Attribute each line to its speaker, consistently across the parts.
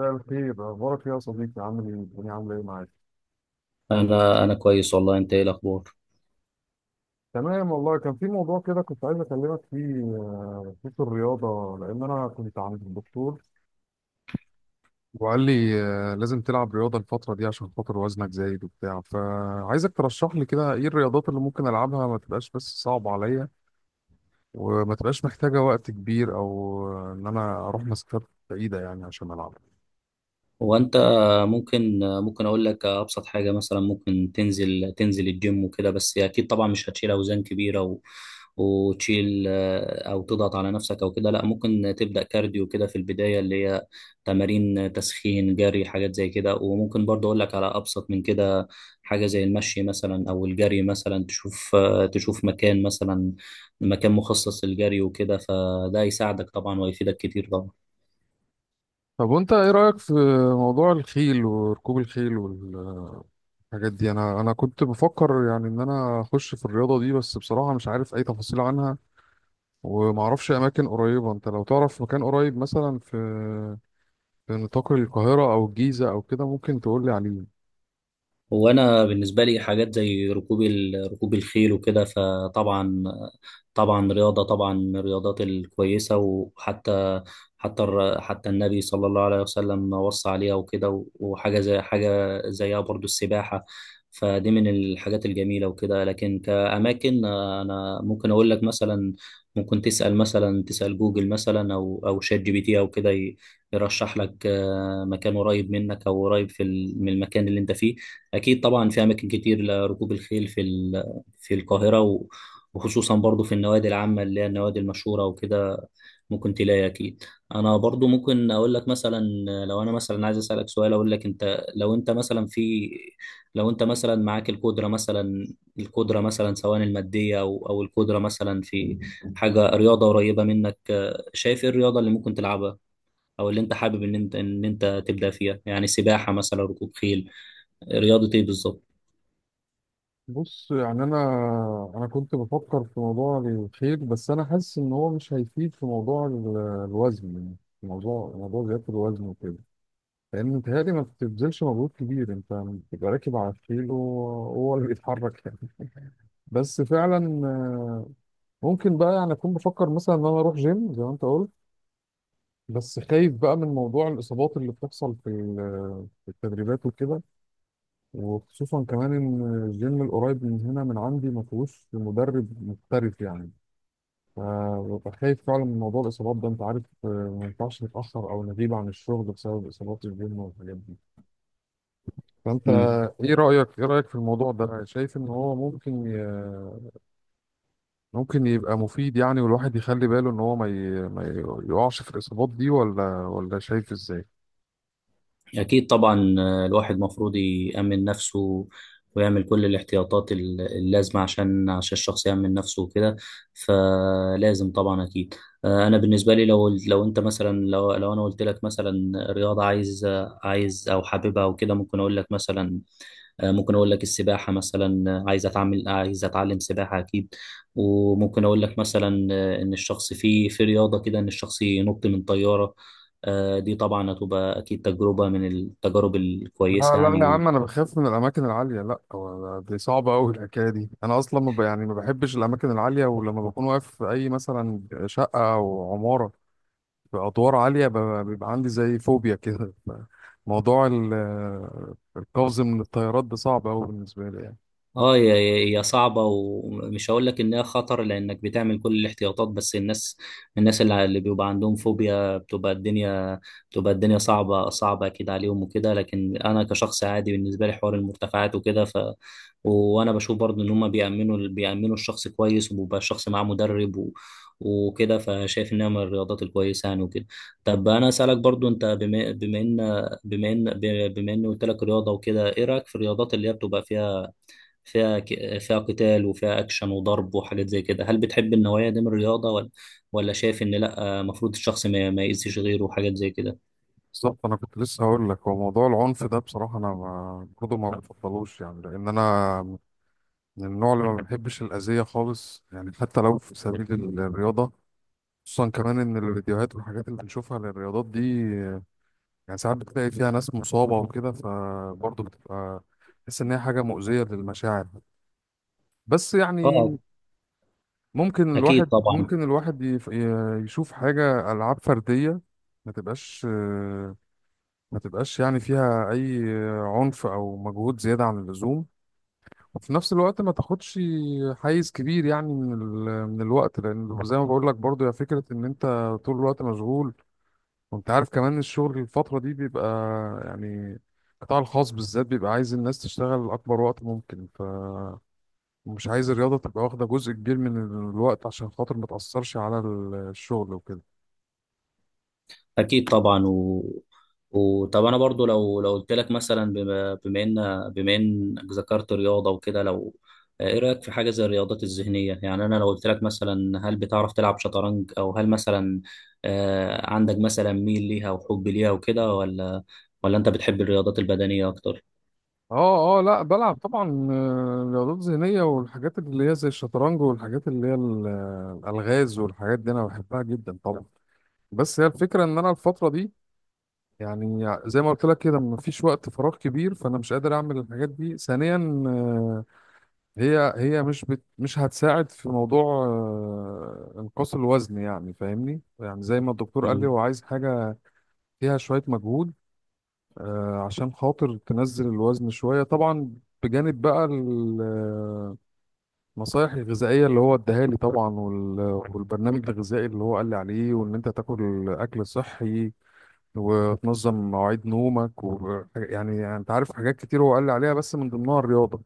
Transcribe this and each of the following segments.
Speaker 1: مساء الخير، اخبارك ايه يا صديقي؟ عامل ايه؟ الدنيا عامله ايه معاك؟
Speaker 2: انا كويس والله، انت ايه الاخبار؟
Speaker 1: تمام والله. كان في موضوع كده كنت عايز اكلمك فيه، خصوص الرياضه. لان انا كنت عند الدكتور وقال لي لازم تلعب رياضه الفتره دي عشان خاطر وزنك زايد وبتاع. فعايزك ترشح لي كده ايه الرياضات اللي ممكن العبها، ما تبقاش بس صعبه عليا، وما تبقاش محتاجه وقت كبير او ان انا اروح مسافات بعيده يعني عشان العبها.
Speaker 2: هو انت ممكن اقول لك ابسط حاجه مثلا. ممكن تنزل الجيم وكده، بس اكيد طبعا مش هتشيل اوزان كبيره وتشيل آه، او تضغط على نفسك او كده. لا، ممكن تبدا كارديو كده في البدايه، اللي هي تمارين تسخين، جري، حاجات زي كده. وممكن برضه اقول لك على ابسط من كده، حاجه زي المشي مثلا او الجري مثلا. تشوف مكان مثلا، مكان مخصص للجري وكده، فده يساعدك طبعا ويفيدك كتير طبعا.
Speaker 1: طب وانت ايه رايك في موضوع الخيل وركوب الخيل والرياضه الحاجات دي؟ انا كنت بفكر يعني ان انا اخش في الرياضه دي، بس بصراحه مش عارف اي تفاصيل عنها. وما اعرفش اماكن قريبه. انت لو تعرف مكان قريب مثلا في نطاق القاهره او الجيزه او كده ممكن تقول لي عليه؟
Speaker 2: هو انا بالنسبه لي حاجات زي ركوب الخيل وكده، فطبعا رياضه طبعا من الرياضات الكويسه. وحتى حتى النبي صلى الله عليه وسلم وصى عليها وكده، وحاجه زي حاجه زيها برضو السباحه، فدي من الحاجات الجميله وكده. لكن كاماكن، انا ممكن اقول لك مثلا، ممكن تسال جوجل مثلا او شات جي بي تي او كده. يرشح لك مكان قريب منك، او قريب من المكان اللي انت فيه. أكيد طبعا في أماكن كتير لركوب الخيل في القاهرة، وخصوصا برضو في النوادي العامة، اللي هي النوادي المشهورة وكده، ممكن تلاقي أكيد. أنا برضو ممكن أقول لك مثلا، لو أنا مثلا عايز أسألك سؤال أقول لك، أنت لو أنت مثلا في لو أنت مثلا معاك القدرة مثلا، القدرة مثلا، سواء المادية أو القدرة مثلا، في حاجة رياضة قريبة منك، شايف إيه الرياضة اللي ممكن تلعبها، أو اللي أنت حابب إن أنت تبدأ فيها؟ يعني سباحة مثلا، ركوب خيل، رياضة إيه بالظبط؟
Speaker 1: بص يعني انا كنت بفكر في موضوع الخيل، بس انا حاسس ان هو مش هيفيد في موضوع الوزن، يعني في موضوع زياده الوزن وكده. لان متهيألي ما بتبذلش مجهود كبير. انت بتبقى راكب على الخيل وهو اللي بيتحرك يعني. بس فعلا ممكن بقى يعني اكون بفكر مثلا ان انا اروح جيم زي ما انت قلت. بس خايف بقى من موضوع الاصابات اللي بتحصل في التدريبات وكده. وخصوصا كمان ان الجيم القريب من هنا من عندي ما فيهوش مدرب محترف يعني. فببقى خايف فعلا من موضوع الاصابات ده. انت عارف ما ينفعش نتاخر او نغيب عن الشغل بسبب اصابات الجيم والحاجات دي. فانت
Speaker 2: مم.
Speaker 1: ايه رايك في الموضوع ده؟ شايف ان هو ممكن يبقى مفيد يعني، والواحد يخلي باله ان هو ما ي... ما ي- يقعش في الاصابات دي، ولا شايف ازاي؟
Speaker 2: أكيد طبعا. الواحد مفروض يأمن نفسه، ويعمل كل الاحتياطات اللازمة، عشان الشخص يأمن نفسه وكده، فلازم طبعا أكيد. أنا بالنسبة لي، لو أنا قلت لك مثلا رياضة عايز، أو حاببها وكده، ممكن أقول لك مثلا. ممكن اقول لك السباحه مثلا، عايز اتعلم سباحه اكيد. وممكن اقول لك مثلا ان الشخص في رياضه كده، ان الشخص ينط من طياره. دي طبعا هتبقى اكيد تجربه من التجارب
Speaker 1: لا،
Speaker 2: الكويسه
Speaker 1: لا يا
Speaker 2: يعني.
Speaker 1: عم، انا بخاف من الاماكن العاليه. لا، هو دي صعبه قوي الحكايه دي. انا اصلا ما ب... يعني ما بحبش الاماكن العاليه. ولما بكون واقف في اي مثلا شقه او عماره في ادوار عاليه، بيبقى عندي زي فوبيا كده. موضوع القفز من الطيارات ده صعب قوي بالنسبه لي يعني.
Speaker 2: اه، هي صعبة، ومش هقول لك انها خطر لانك بتعمل كل الاحتياطات. بس الناس اللي بيبقى عندهم فوبيا، بتبقى الدنيا صعبة، صعبة اكيد عليهم وكده. لكن انا كشخص عادي، بالنسبة لي حوار المرتفعات وكده، وانا بشوف برضه ان هم بيأمنوا الشخص كويس، وبيبقى الشخص معاه مدرب وكده، فشايف انها من الرياضات الكويسة يعني وكده. طب انا اسالك برضو، انت، بما ان بما ان قلت لك رياضة وكده، ايه رأيك في الرياضات اللي هي بتبقى فيها فيها قتال وفيها اكشن وضرب وحاجات زي كده؟ هل بتحب النوعية دي من الرياضة، ولا شايف ان لا، المفروض الشخص ما يأذيش غيره، وحاجات زي كده؟
Speaker 1: بالظبط، انا كنت لسه هقول لك. هو موضوع العنف ده بصراحه انا ما برضه ما بفضلوش يعني. لان انا من النوع اللي ما بيحبش الأذية خالص يعني، حتى لو في سبيل الرياضة. خصوصا كمان إن الفيديوهات والحاجات اللي بنشوفها للرياضات دي، يعني ساعات بتلاقي فيها ناس مصابة وكده، فبرضه بتبقى تحس إن هي حاجة مؤذية للمشاعر. بس يعني
Speaker 2: اه اكيد طبعا.
Speaker 1: ممكن الواحد يشوف حاجة ألعاب فردية ما تبقاش ما تبقاش يعني فيها أي عنف أو مجهود زيادة عن اللزوم. وفي نفس الوقت ما تاخدش حيز كبير يعني من الوقت. لان زي ما بقول لك برضو يا فكره، ان انت طول الوقت مشغول. وانت عارف كمان الشغل الفتره دي بيبقى، يعني القطاع الخاص بالذات بيبقى عايز الناس تشتغل اكبر وقت ممكن. فمش عايز الرياضه تبقى واخده جزء كبير من الوقت، عشان خاطر ما تاثرش على الشغل وكده.
Speaker 2: اكيد طبعا و... وطب انا برضو، لو قلت لك مثلا، بما انك ذكرت رياضة وكده، ايه رأيك في حاجة زي الرياضات الذهنية؟ يعني انا لو قلت لك مثلا: هل بتعرف تلعب شطرنج، او هل مثلا عندك مثلا ميل ليها وحب ليها وكده، ولا انت بتحب الرياضات البدنية اكتر؟
Speaker 1: اه، اه، لا بلعب طبعا رياضات ذهنيه، والحاجات اللي هي زي الشطرنج والحاجات اللي هي الالغاز والحاجات دي انا بحبها جدا طبعا. بس هي الفكرة ان انا الفترة دي، يعني زي ما قلت لك كده، مفيش وقت فراغ كبير، فانا مش قادر اعمل الحاجات دي. ثانيا، هي مش هتساعد في موضوع انقاص الوزن يعني. فاهمني؟ يعني زي ما الدكتور قال لي،
Speaker 2: مم.
Speaker 1: هو عايز حاجة فيها شوية مجهود، عشان خاطر تنزل الوزن شوية طبعا. بجانب بقى النصايح الغذائية اللي هو اداها لي طبعا، والبرنامج الغذائي اللي هو قال لي عليه، وان انت تاكل اكل صحي، وتنظم مواعيد نومك يعني، انت عارف حاجات كتير هو قال لي عليها، بس من ضمنها الرياضة.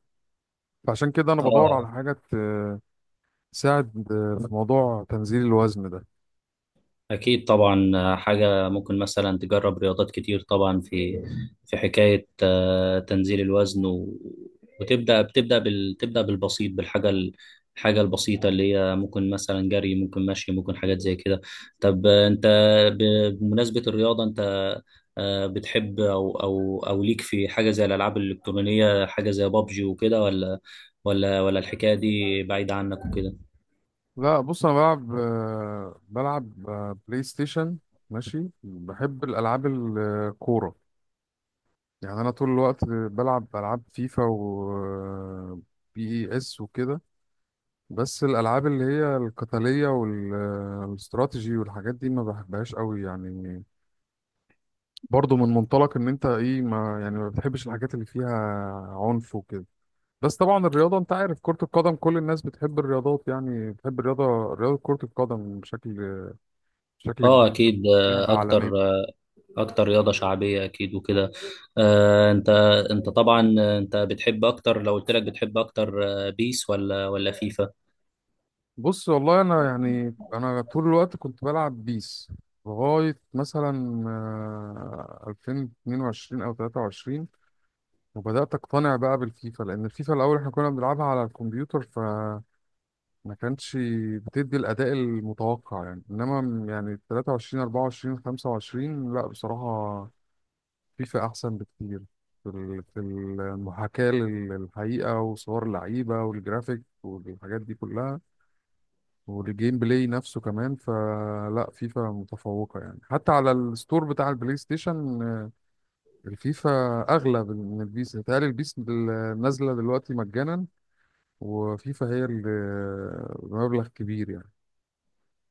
Speaker 1: فعشان كده انا بدور على
Speaker 2: اه
Speaker 1: حاجة تساعد في موضوع تنزيل الوزن ده.
Speaker 2: اكيد طبعا. حاجه، ممكن مثلا تجرب رياضات كتير طبعا، في حكايه تنزيل الوزن، تبدا بالبسيط، الحاجه البسيطه اللي هي ممكن مثلا جري، ممكن مشي، ممكن حاجات زي كده. طب انت، ب... بمناسبه الرياضه، انت بتحب، او ليك في حاجه زي الالعاب الالكترونيه، حاجه زي بابجي وكده، ولا الحكايه دي بعيده عنك وكده؟
Speaker 1: لا، بص، انا بلعب بلاي ستيشن. ماشي. بحب الالعاب الكورة، يعني انا طول الوقت بلعب العاب فيفا و PES وكده. بس الالعاب اللي هي القتالية والاستراتيجي والحاجات دي ما بحبهاش قوي يعني. برضه من منطلق ان انت ايه ما يعني ما بتحبش الحاجات اللي فيها عنف وكده. بس طبعا الرياضه، انت عارف، كره القدم كل الناس بتحب الرياضات، يعني بتحب رياضه كره القدم بشكل
Speaker 2: اه
Speaker 1: كبير.
Speaker 2: اكيد.
Speaker 1: لعبه عالميه.
Speaker 2: اكتر رياضه شعبيه اكيد وكده. آه انت انت طبعا انت بتحب اكتر، لو قلت لك بتحب اكتر، بيس ولا فيفا؟
Speaker 1: بص والله انا يعني انا طول الوقت كنت بلعب بيس لغايه مثلا 2022 او 23. وبدات اقتنع بقى بالفيفا، لان الفيفا الاول احنا كنا بنلعبها على الكمبيوتر، ف ما كانتش بتدي الاداء المتوقع يعني. انما يعني 23 24 25، لا بصراحه فيفا احسن بكتير في المحاكاه للحقيقه وصور اللعيبه والجرافيك والحاجات دي كلها. والجيم بلاي نفسه كمان، فلا فيفا متفوقه يعني حتى على الستور بتاع البلاي ستيشن. الفيفا اغلى من البيس. بتهيألي البيس نازله دلوقتي مجانا، وفيفا هي اللي بمبلغ كبير يعني.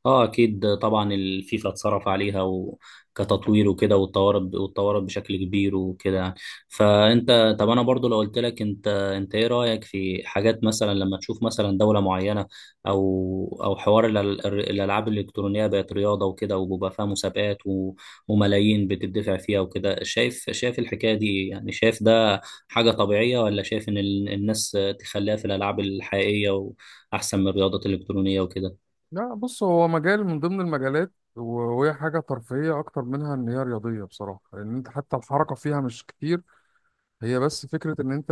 Speaker 2: اه اكيد طبعا، الفيفا اتصرف عليها كتطوير وكده، واتطورت بشكل كبير وكده يعني. فانت، طب انا برضو لو قلت لك، انت ايه رايك في حاجات، مثلا لما تشوف مثلا دوله معينه، او حوار الالعاب الالكترونيه بقت رياضه وكده، وبيبقى فيها مسابقات وملايين بتدفع فيها وكده، شايف، الحكايه دي، يعني شايف ده حاجه طبيعيه، ولا شايف ان الناس تخليها في الالعاب الحقيقيه واحسن من الرياضات الالكترونيه وكده؟
Speaker 1: لا، بص، هو مجال من ضمن المجالات، وهي حاجة ترفيهية أكتر منها إن هي رياضية بصراحة. لأن أنت حتى الحركة فيها مش كتير. هي بس فكرة إن أنت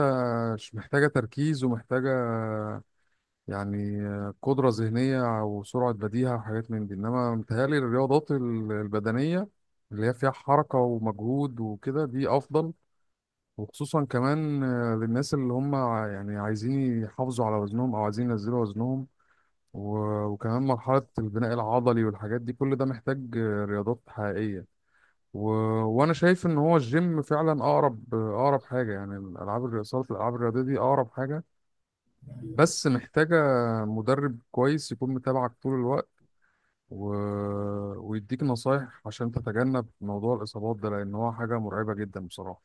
Speaker 1: مش محتاجة تركيز، ومحتاجة يعني قدرة ذهنية وسرعة بديهة وحاجات من دي. إنما متهيألي الرياضات البدنية اللي هي فيها حركة ومجهود وكده دي أفضل. وخصوصا كمان للناس اللي هم يعني عايزين يحافظوا على وزنهم أو عايزين ينزلوا وزنهم. وكمان مرحلة البناء العضلي والحاجات دي كل ده محتاج رياضات حقيقية. و... وأنا شايف إن هو الجيم فعلا أقرب حاجة. يعني الألعاب الرياضية صالة الألعاب الرياضية دي أقرب حاجة. بس محتاجة مدرب كويس يكون متابعك طول الوقت، و... ويديك نصايح عشان تتجنب موضوع الإصابات ده، لأن هو حاجة مرعبة جدا بصراحة.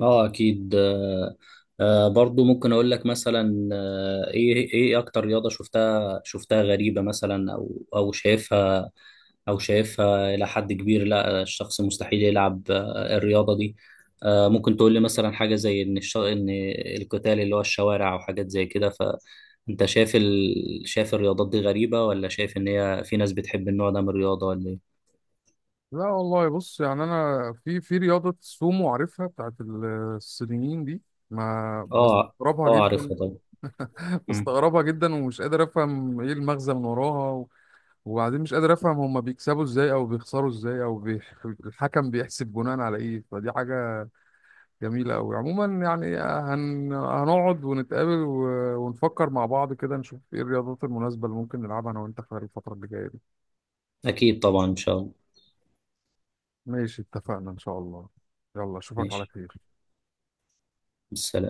Speaker 2: اه اكيد. برضو ممكن اقول لك مثلا، ايه اكتر رياضة شفتها غريبة مثلا، او شايفها الى حد كبير، لا الشخص مستحيل يلعب الرياضة دي؟ ممكن تقول لي مثلا حاجة زي ان القتال اللي هو الشوارع، او حاجات زي كده، فانت شايف شايف الرياضات دي غريبة، ولا شايف ان هي في ناس بتحب النوع ده من الرياضة، ولا ايه؟
Speaker 1: لا والله، بص يعني أنا في رياضة سومو عارفها بتاعت الصينيين دي. ما
Speaker 2: اه
Speaker 1: بستغربها
Speaker 2: اه، عارفها
Speaker 1: جدا.
Speaker 2: طبعا. مم.
Speaker 1: بستغربها جدا ومش قادر افهم ايه المغزى من وراها، وبعدين مش قادر افهم هما بيكسبوا ازاي او بيخسروا ازاي او الحكم بيحسب بناء على ايه. فدي حاجة جميلة قوي عموما، يعني هنقعد ونتقابل ونفكر مع بعض كده، نشوف ايه الرياضات المناسبة اللي ممكن نلعبها انا وانت خلال الفترة اللي جاية دي.
Speaker 2: اكيد طبعا ان شاء الله.
Speaker 1: ماشي اتفقنا ان شاء الله. يلا اشوفك على
Speaker 2: ماشي،
Speaker 1: خير.
Speaker 2: السلام.